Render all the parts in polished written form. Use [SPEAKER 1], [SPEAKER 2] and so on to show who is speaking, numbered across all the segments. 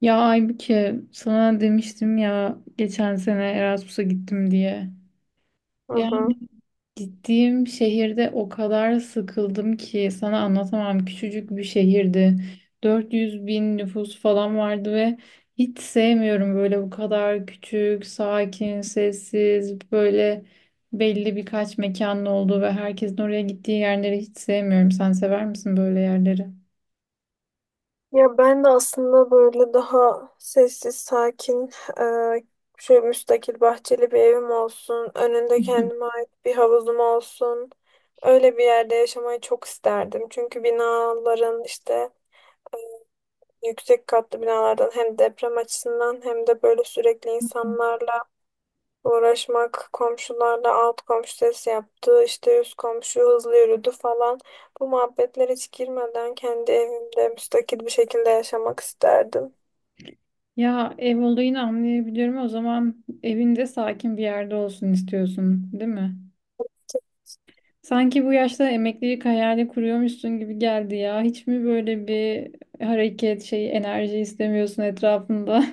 [SPEAKER 1] Ya Aybüke sana demiştim ya geçen sene Erasmus'a gittim diye.
[SPEAKER 2] Hı hı.
[SPEAKER 1] Yani gittiğim şehirde o kadar sıkıldım ki sana anlatamam. Küçücük bir şehirdi. 400 bin nüfus falan vardı ve hiç sevmiyorum böyle bu kadar küçük, sakin, sessiz, böyle belli birkaç mekanın olduğu ve herkesin oraya gittiği yerleri hiç sevmiyorum. Sen sever misin böyle yerleri?
[SPEAKER 2] Ya ben de aslında böyle daha sessiz, sakin, eee şöyle müstakil bahçeli bir evim olsun, önünde kendime ait bir havuzum olsun. Öyle bir yerde yaşamayı çok isterdim. Çünkü binaların işte yüksek katlı binalardan hem deprem açısından hem de böyle sürekli insanlarla uğraşmak, komşularla alt komşu ses yaptı, işte üst komşu hızlı yürüdü falan. Bu muhabbetlere hiç girmeden kendi evimde müstakil bir şekilde yaşamak isterdim.
[SPEAKER 1] Ya ev olayını anlayabiliyorum. O zaman evinde sakin bir yerde olsun istiyorsun, değil mi? Sanki bu yaşta emeklilik hayali kuruyormuşsun gibi geldi ya. Hiç mi böyle bir hareket, şey, enerji istemiyorsun etrafında?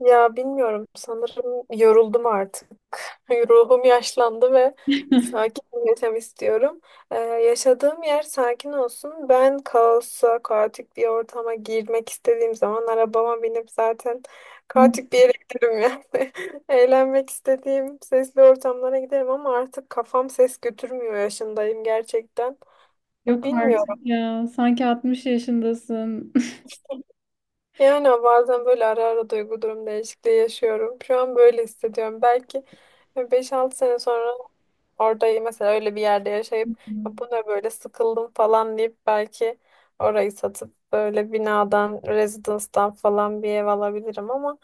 [SPEAKER 2] Ya bilmiyorum, sanırım yoruldum artık. Ruhum yaşlandı ve sakin bir yaşam istiyorum. Yaşadığım yer sakin olsun. Ben kaosa, kaotik bir ortama girmek istediğim zaman arabama binip zaten kaotik bir yere giderim yani. Eğlenmek istediğim sesli ortamlara giderim ama artık kafam ses götürmüyor yaşındayım gerçekten.
[SPEAKER 1] Yok
[SPEAKER 2] Bilmiyorum.
[SPEAKER 1] artık ya. Sanki 60 yaşındasın.
[SPEAKER 2] Yani bazen böyle ara ara duygu durum değişikliği yaşıyorum. Şu an böyle hissediyorum. Belki beş altı sene sonra orada mesela öyle bir yerde yaşayıp "Ya bu ne böyle, sıkıldım" falan deyip belki orayı satıp böyle binadan, rezidanstan falan bir ev alabilirim, ama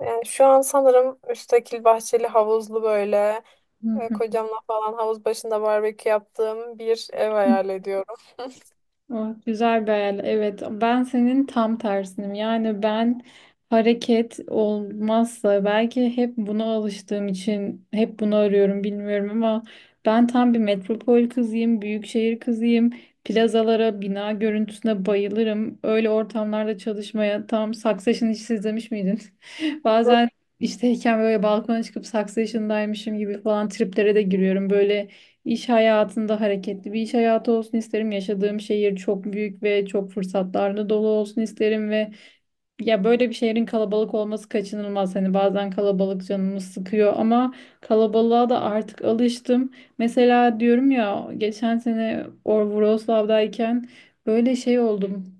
[SPEAKER 2] yani şu an sanırım müstakil bahçeli havuzlu böyle
[SPEAKER 1] Hı hı.
[SPEAKER 2] kocamla falan havuz başında barbekü yaptığım bir ev hayal ediyorum.
[SPEAKER 1] Ah, güzel bir hayal. Evet, ben senin tam tersinim. Yani ben hareket olmazsa belki hep buna alıştığım için hep bunu arıyorum bilmiyorum ama ben tam bir metropol kızıyım, büyük şehir kızıyım. Plazalara, bina görüntüsüne bayılırım. Öyle ortamlarda çalışmaya tam Succession'ı hiç izlemiş miydin? Bazen işteyken böyle balkona çıkıp Succession'daymışım gibi falan triplere de giriyorum. Böyle İş hayatında hareketli bir iş hayatı olsun isterim. Yaşadığım şehir çok büyük ve çok fırsatlarla dolu olsun isterim ve ya böyle bir şehrin kalabalık olması kaçınılmaz. Hani bazen kalabalık canımı sıkıyor ama kalabalığa da artık alıştım. Mesela diyorum ya geçen sene Wrocław'dayken böyle şey oldum.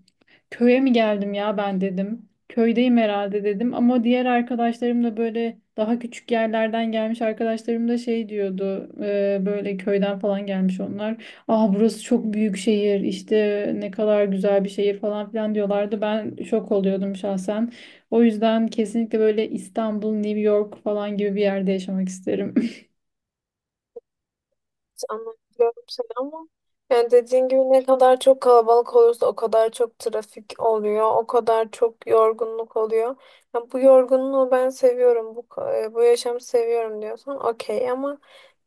[SPEAKER 1] Köye mi geldim ya ben dedim. Köydeyim herhalde dedim ama diğer arkadaşlarım da böyle daha küçük yerlerden gelmiş arkadaşlarım da şey diyordu böyle köyden falan gelmiş onlar. Ah burası çok büyük şehir işte ne kadar güzel bir şehir falan filan diyorlardı. Ben şok oluyordum şahsen. O yüzden kesinlikle böyle İstanbul, New York falan gibi bir yerde yaşamak isterim.
[SPEAKER 2] Anlayabiliyorum seni ama yani dediğin gibi ne kadar çok kalabalık olursa o kadar çok trafik oluyor, o kadar çok yorgunluk oluyor. Ya "bu yorgunluğu ben seviyorum, bu yaşamı seviyorum" diyorsan okey, ama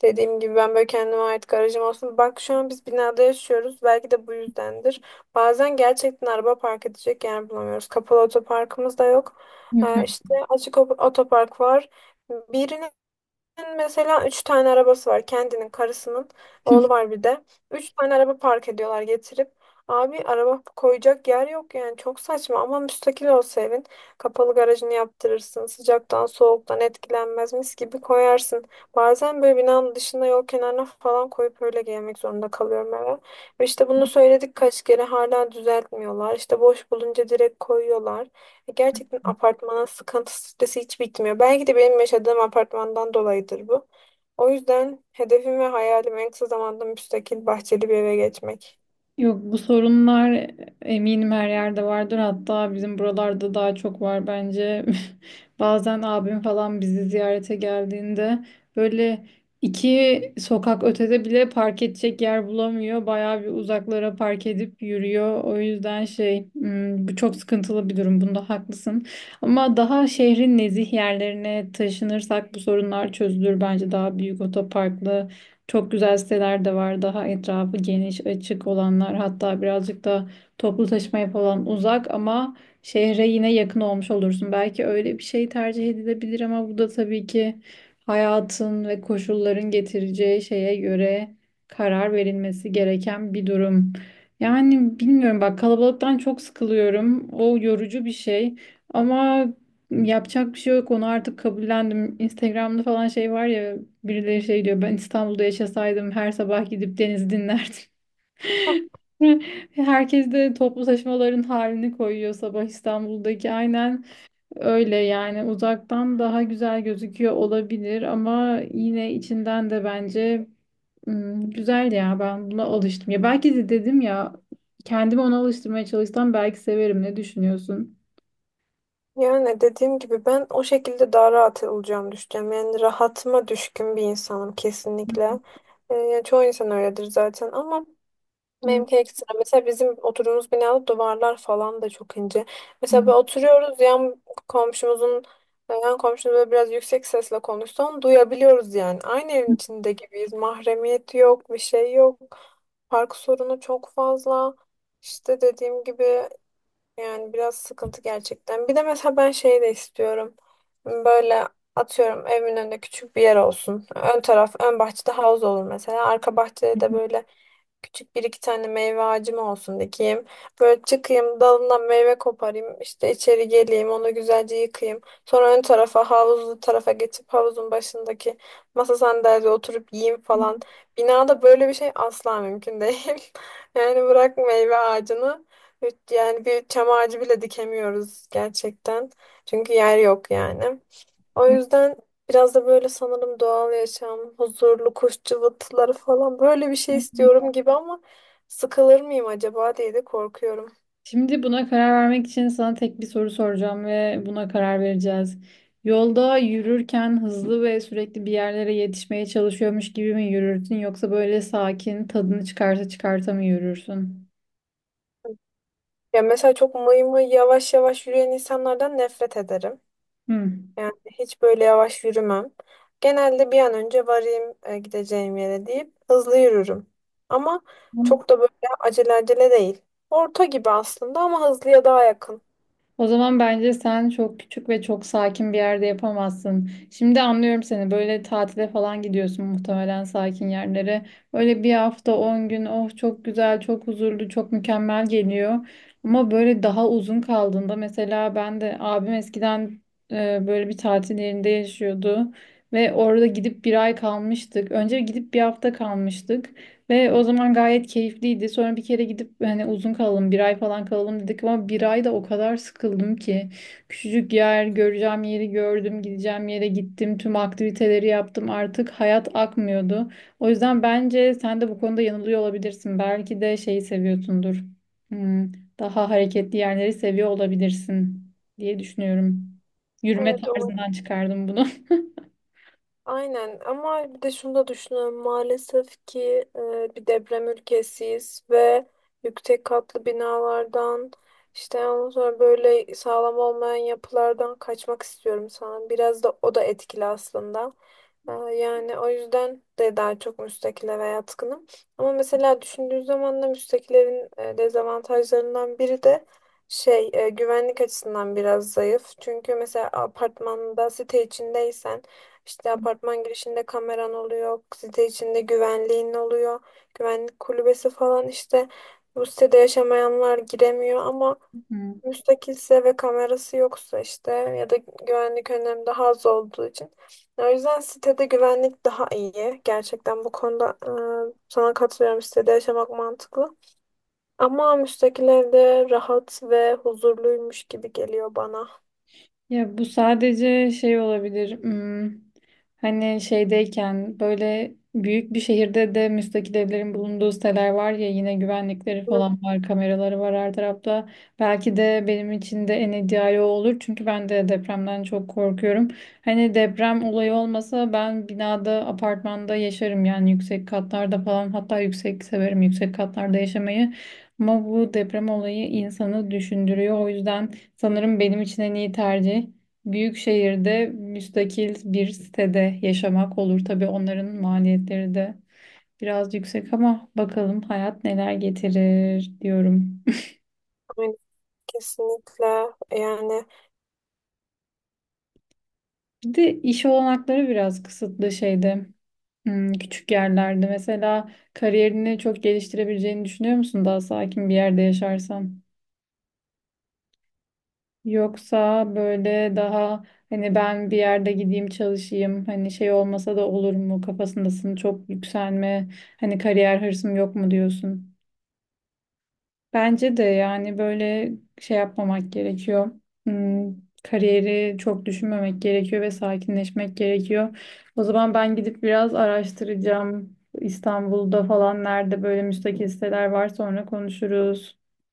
[SPEAKER 2] dediğim gibi ben böyle kendime ait garajım olsun. Bak şu an biz binada yaşıyoruz, belki de bu yüzdendir. Bazen gerçekten araba park edecek yer bulamıyoruz. Kapalı otoparkımız da yok. İşte açık otopark var. Birine, mesela üç tane arabası var, kendinin, karısının, oğlu var bir de. Üç tane araba park ediyorlar getirip. Abi, araba koyacak yer yok yani, çok saçma. Ama müstakil olsa evin kapalı garajını yaptırırsın, sıcaktan soğuktan etkilenmez, mis gibi koyarsın. Bazen böyle binanın dışında yol kenarına falan koyup öyle gelmek zorunda kalıyorum eve. Ve işte bunu söyledik kaç kere, hala düzeltmiyorlar. İşte boş bulunca direkt koyuyorlar. Gerçekten apartmanın sıkıntı stresi hiç bitmiyor. Belki de benim yaşadığım apartmandan dolayıdır bu. O yüzden hedefim ve hayalim en kısa zamanda müstakil bahçeli bir eve geçmek.
[SPEAKER 1] Yok, bu sorunlar eminim her yerde vardır. Hatta bizim buralarda daha çok var bence. Bazen abim falan bizi ziyarete geldiğinde böyle iki sokak ötede bile park edecek yer bulamıyor. Bayağı bir uzaklara park edip yürüyor. O yüzden şey bu çok sıkıntılı bir durum. Bunda haklısın. Ama daha şehrin nezih yerlerine taşınırsak bu sorunlar çözülür bence, daha büyük otoparklı çok güzel siteler de var. Daha etrafı geniş, açık olanlar. Hatta birazcık da toplu taşımaya falan uzak ama şehre yine yakın olmuş olursun. Belki öyle bir şey tercih edilebilir ama bu da tabii ki hayatın ve koşulların getireceği şeye göre karar verilmesi gereken bir durum. Yani bilmiyorum, bak, kalabalıktan çok sıkılıyorum. O yorucu bir şey. Ama yapacak bir şey yok, onu artık kabullendim. Instagram'da falan şey var ya, birileri şey diyor: ben İstanbul'da yaşasaydım her sabah gidip denizi dinlerdim.
[SPEAKER 2] Hı.
[SPEAKER 1] Herkes de toplu taşımaların halini koyuyor sabah İstanbul'daki, aynen öyle. Yani uzaktan daha güzel gözüküyor olabilir ama yine içinden de bence güzel ya, ben buna alıştım. Ya belki de, dedim ya, kendimi ona alıştırmaya çalışsam belki severim, ne düşünüyorsun?
[SPEAKER 2] Yani dediğim gibi ben o şekilde daha rahat olacağımı düşünüyorum. Yani rahatıma düşkün bir insanım kesinlikle. Yani çoğu insan öyledir zaten ama benimki ekstra. Mesela bizim oturduğumuz binada duvarlar falan da çok ince. Mesela böyle oturuyoruz, komşumuzun yan komşumuz böyle biraz yüksek sesle konuşsa onu duyabiliyoruz yani. Aynı evin içinde gibiyiz. Mahremiyet yok, bir şey yok. Park sorunu çok fazla. İşte dediğim gibi yani biraz sıkıntı gerçekten. Bir de mesela ben şey de istiyorum. Böyle, atıyorum, evimin önünde küçük bir yer olsun. Ön taraf, ön bahçede havuz olur mesela. Arka bahçede de böyle küçük bir iki tane meyve ağacım olsun, dikeyim. Böyle çıkayım dalından meyve koparayım, işte içeri geleyim onu güzelce yıkayayım. Sonra ön tarafa, havuzlu tarafa geçip havuzun başındaki masa sandalyede oturup yiyeyim falan. Binada böyle bir şey asla mümkün değil. Yani bırak meyve ağacını, yani bir çam ağacı bile dikemiyoruz gerçekten. Çünkü yer yok yani. O yüzden biraz da böyle sanırım doğal yaşam, huzurlu kuş cıvıltıları falan böyle bir şey
[SPEAKER 1] Evet.
[SPEAKER 2] istiyorum gibi, ama sıkılır mıyım acaba diye de korkuyorum.
[SPEAKER 1] Şimdi buna karar vermek için sana tek bir soru soracağım ve buna karar vereceğiz. Yolda yürürken hızlı ve sürekli bir yerlere yetişmeye çalışıyormuş gibi mi yürürsün yoksa böyle sakin tadını çıkarsa çıkarta mı yürürsün?
[SPEAKER 2] Ya mesela çok mıy mıy yavaş yavaş yürüyen insanlardan nefret ederim.
[SPEAKER 1] Hmm.
[SPEAKER 2] Yani hiç böyle yavaş yürümem. Genelde bir an önce varayım gideceğim yere deyip hızlı yürürüm. Ama çok da böyle acele acele değil. Orta gibi aslında ama hızlıya daha yakın.
[SPEAKER 1] O zaman bence sen çok küçük ve çok sakin bir yerde yapamazsın. Şimdi anlıyorum seni. Böyle tatile falan gidiyorsun muhtemelen, sakin yerlere. Böyle bir hafta, 10 gün, oh, çok güzel, çok huzurlu, çok mükemmel geliyor. Ama böyle daha uzun kaldığında... Mesela ben de, abim eskiden böyle bir tatil yerinde yaşıyordu ve orada gidip bir ay kalmıştık. Önce gidip bir hafta kalmıştık. Ve o zaman gayet keyifliydi. Sonra bir kere gidip, hani uzun kalalım, bir ay falan kalalım dedik, ama bir ay da o kadar sıkıldım ki. Küçücük yer, göreceğim yeri gördüm, gideceğim yere gittim, tüm aktiviteleri yaptım. Artık hayat akmıyordu. O yüzden bence sen de bu konuda yanılıyor olabilirsin. Belki de şeyi seviyorsundur. Hmm, daha hareketli yerleri seviyor olabilirsin diye düşünüyorum. Yürüme
[SPEAKER 2] Evet, o
[SPEAKER 1] tarzından çıkardım bunu.
[SPEAKER 2] aynen. Ama bir de şunu da düşünüyorum, maalesef ki bir deprem ülkesiyiz ve yüksek katlı binalardan, işte ondan sonra böyle sağlam olmayan yapılardan kaçmak istiyorum sanırım. Biraz da o da etkili aslında. Yani o yüzden de daha çok müstakile veya yatkınım. Ama mesela düşündüğün zaman da müstakillerin dezavantajlarından biri de güvenlik açısından biraz zayıf. Çünkü mesela apartmanda, site içindeysen, işte apartman girişinde kameran oluyor, site içinde güvenliğin oluyor, güvenlik kulübesi falan, işte bu sitede yaşamayanlar giremiyor. Ama müstakilse ve kamerası yoksa, işte, ya da güvenlik önlemi daha az olduğu için. O yüzden sitede güvenlik daha iyi. Gerçekten bu konuda sana katılıyorum. Sitede yaşamak mantıklı. Ama müstakil evde rahat ve huzurluymuş gibi geliyor bana.
[SPEAKER 1] Ya bu sadece şey olabilir. Hani şeydeyken, böyle büyük bir şehirde de müstakil evlerin bulunduğu siteler var ya, yine güvenlikleri
[SPEAKER 2] Hı,
[SPEAKER 1] falan var, kameraları var her tarafta. Belki de benim için de en ideali o olur. Çünkü ben de depremden çok korkuyorum. Hani deprem olayı olmasa ben binada, apartmanda yaşarım yani, yüksek katlarda falan. Hatta yüksek severim, yüksek katlarda yaşamayı. Ama bu deprem olayı insanı düşündürüyor. O yüzden sanırım benim için en iyi tercih büyük şehirde müstakil bir sitede yaşamak olur. Tabii onların maliyetleri de biraz yüksek, ama bakalım hayat neler getirir diyorum.
[SPEAKER 2] aynen. Kesinlikle yani
[SPEAKER 1] Bir de iş olanakları biraz kısıtlı şeyde, küçük yerlerde. Mesela kariyerini çok geliştirebileceğini düşünüyor musun daha sakin bir yerde yaşarsan? Yoksa böyle daha, hani, ben bir yerde gideyim çalışayım, hani şey olmasa da olur mu kafasındasın, çok yükselme, hani kariyer hırsım yok mu diyorsun? Bence de yani böyle şey yapmamak gerekiyor. Hmm, kariyeri çok düşünmemek gerekiyor ve sakinleşmek gerekiyor. O zaman ben gidip biraz araştıracağım. İstanbul'da falan nerede böyle müstakil siteler var, sonra konuşuruz.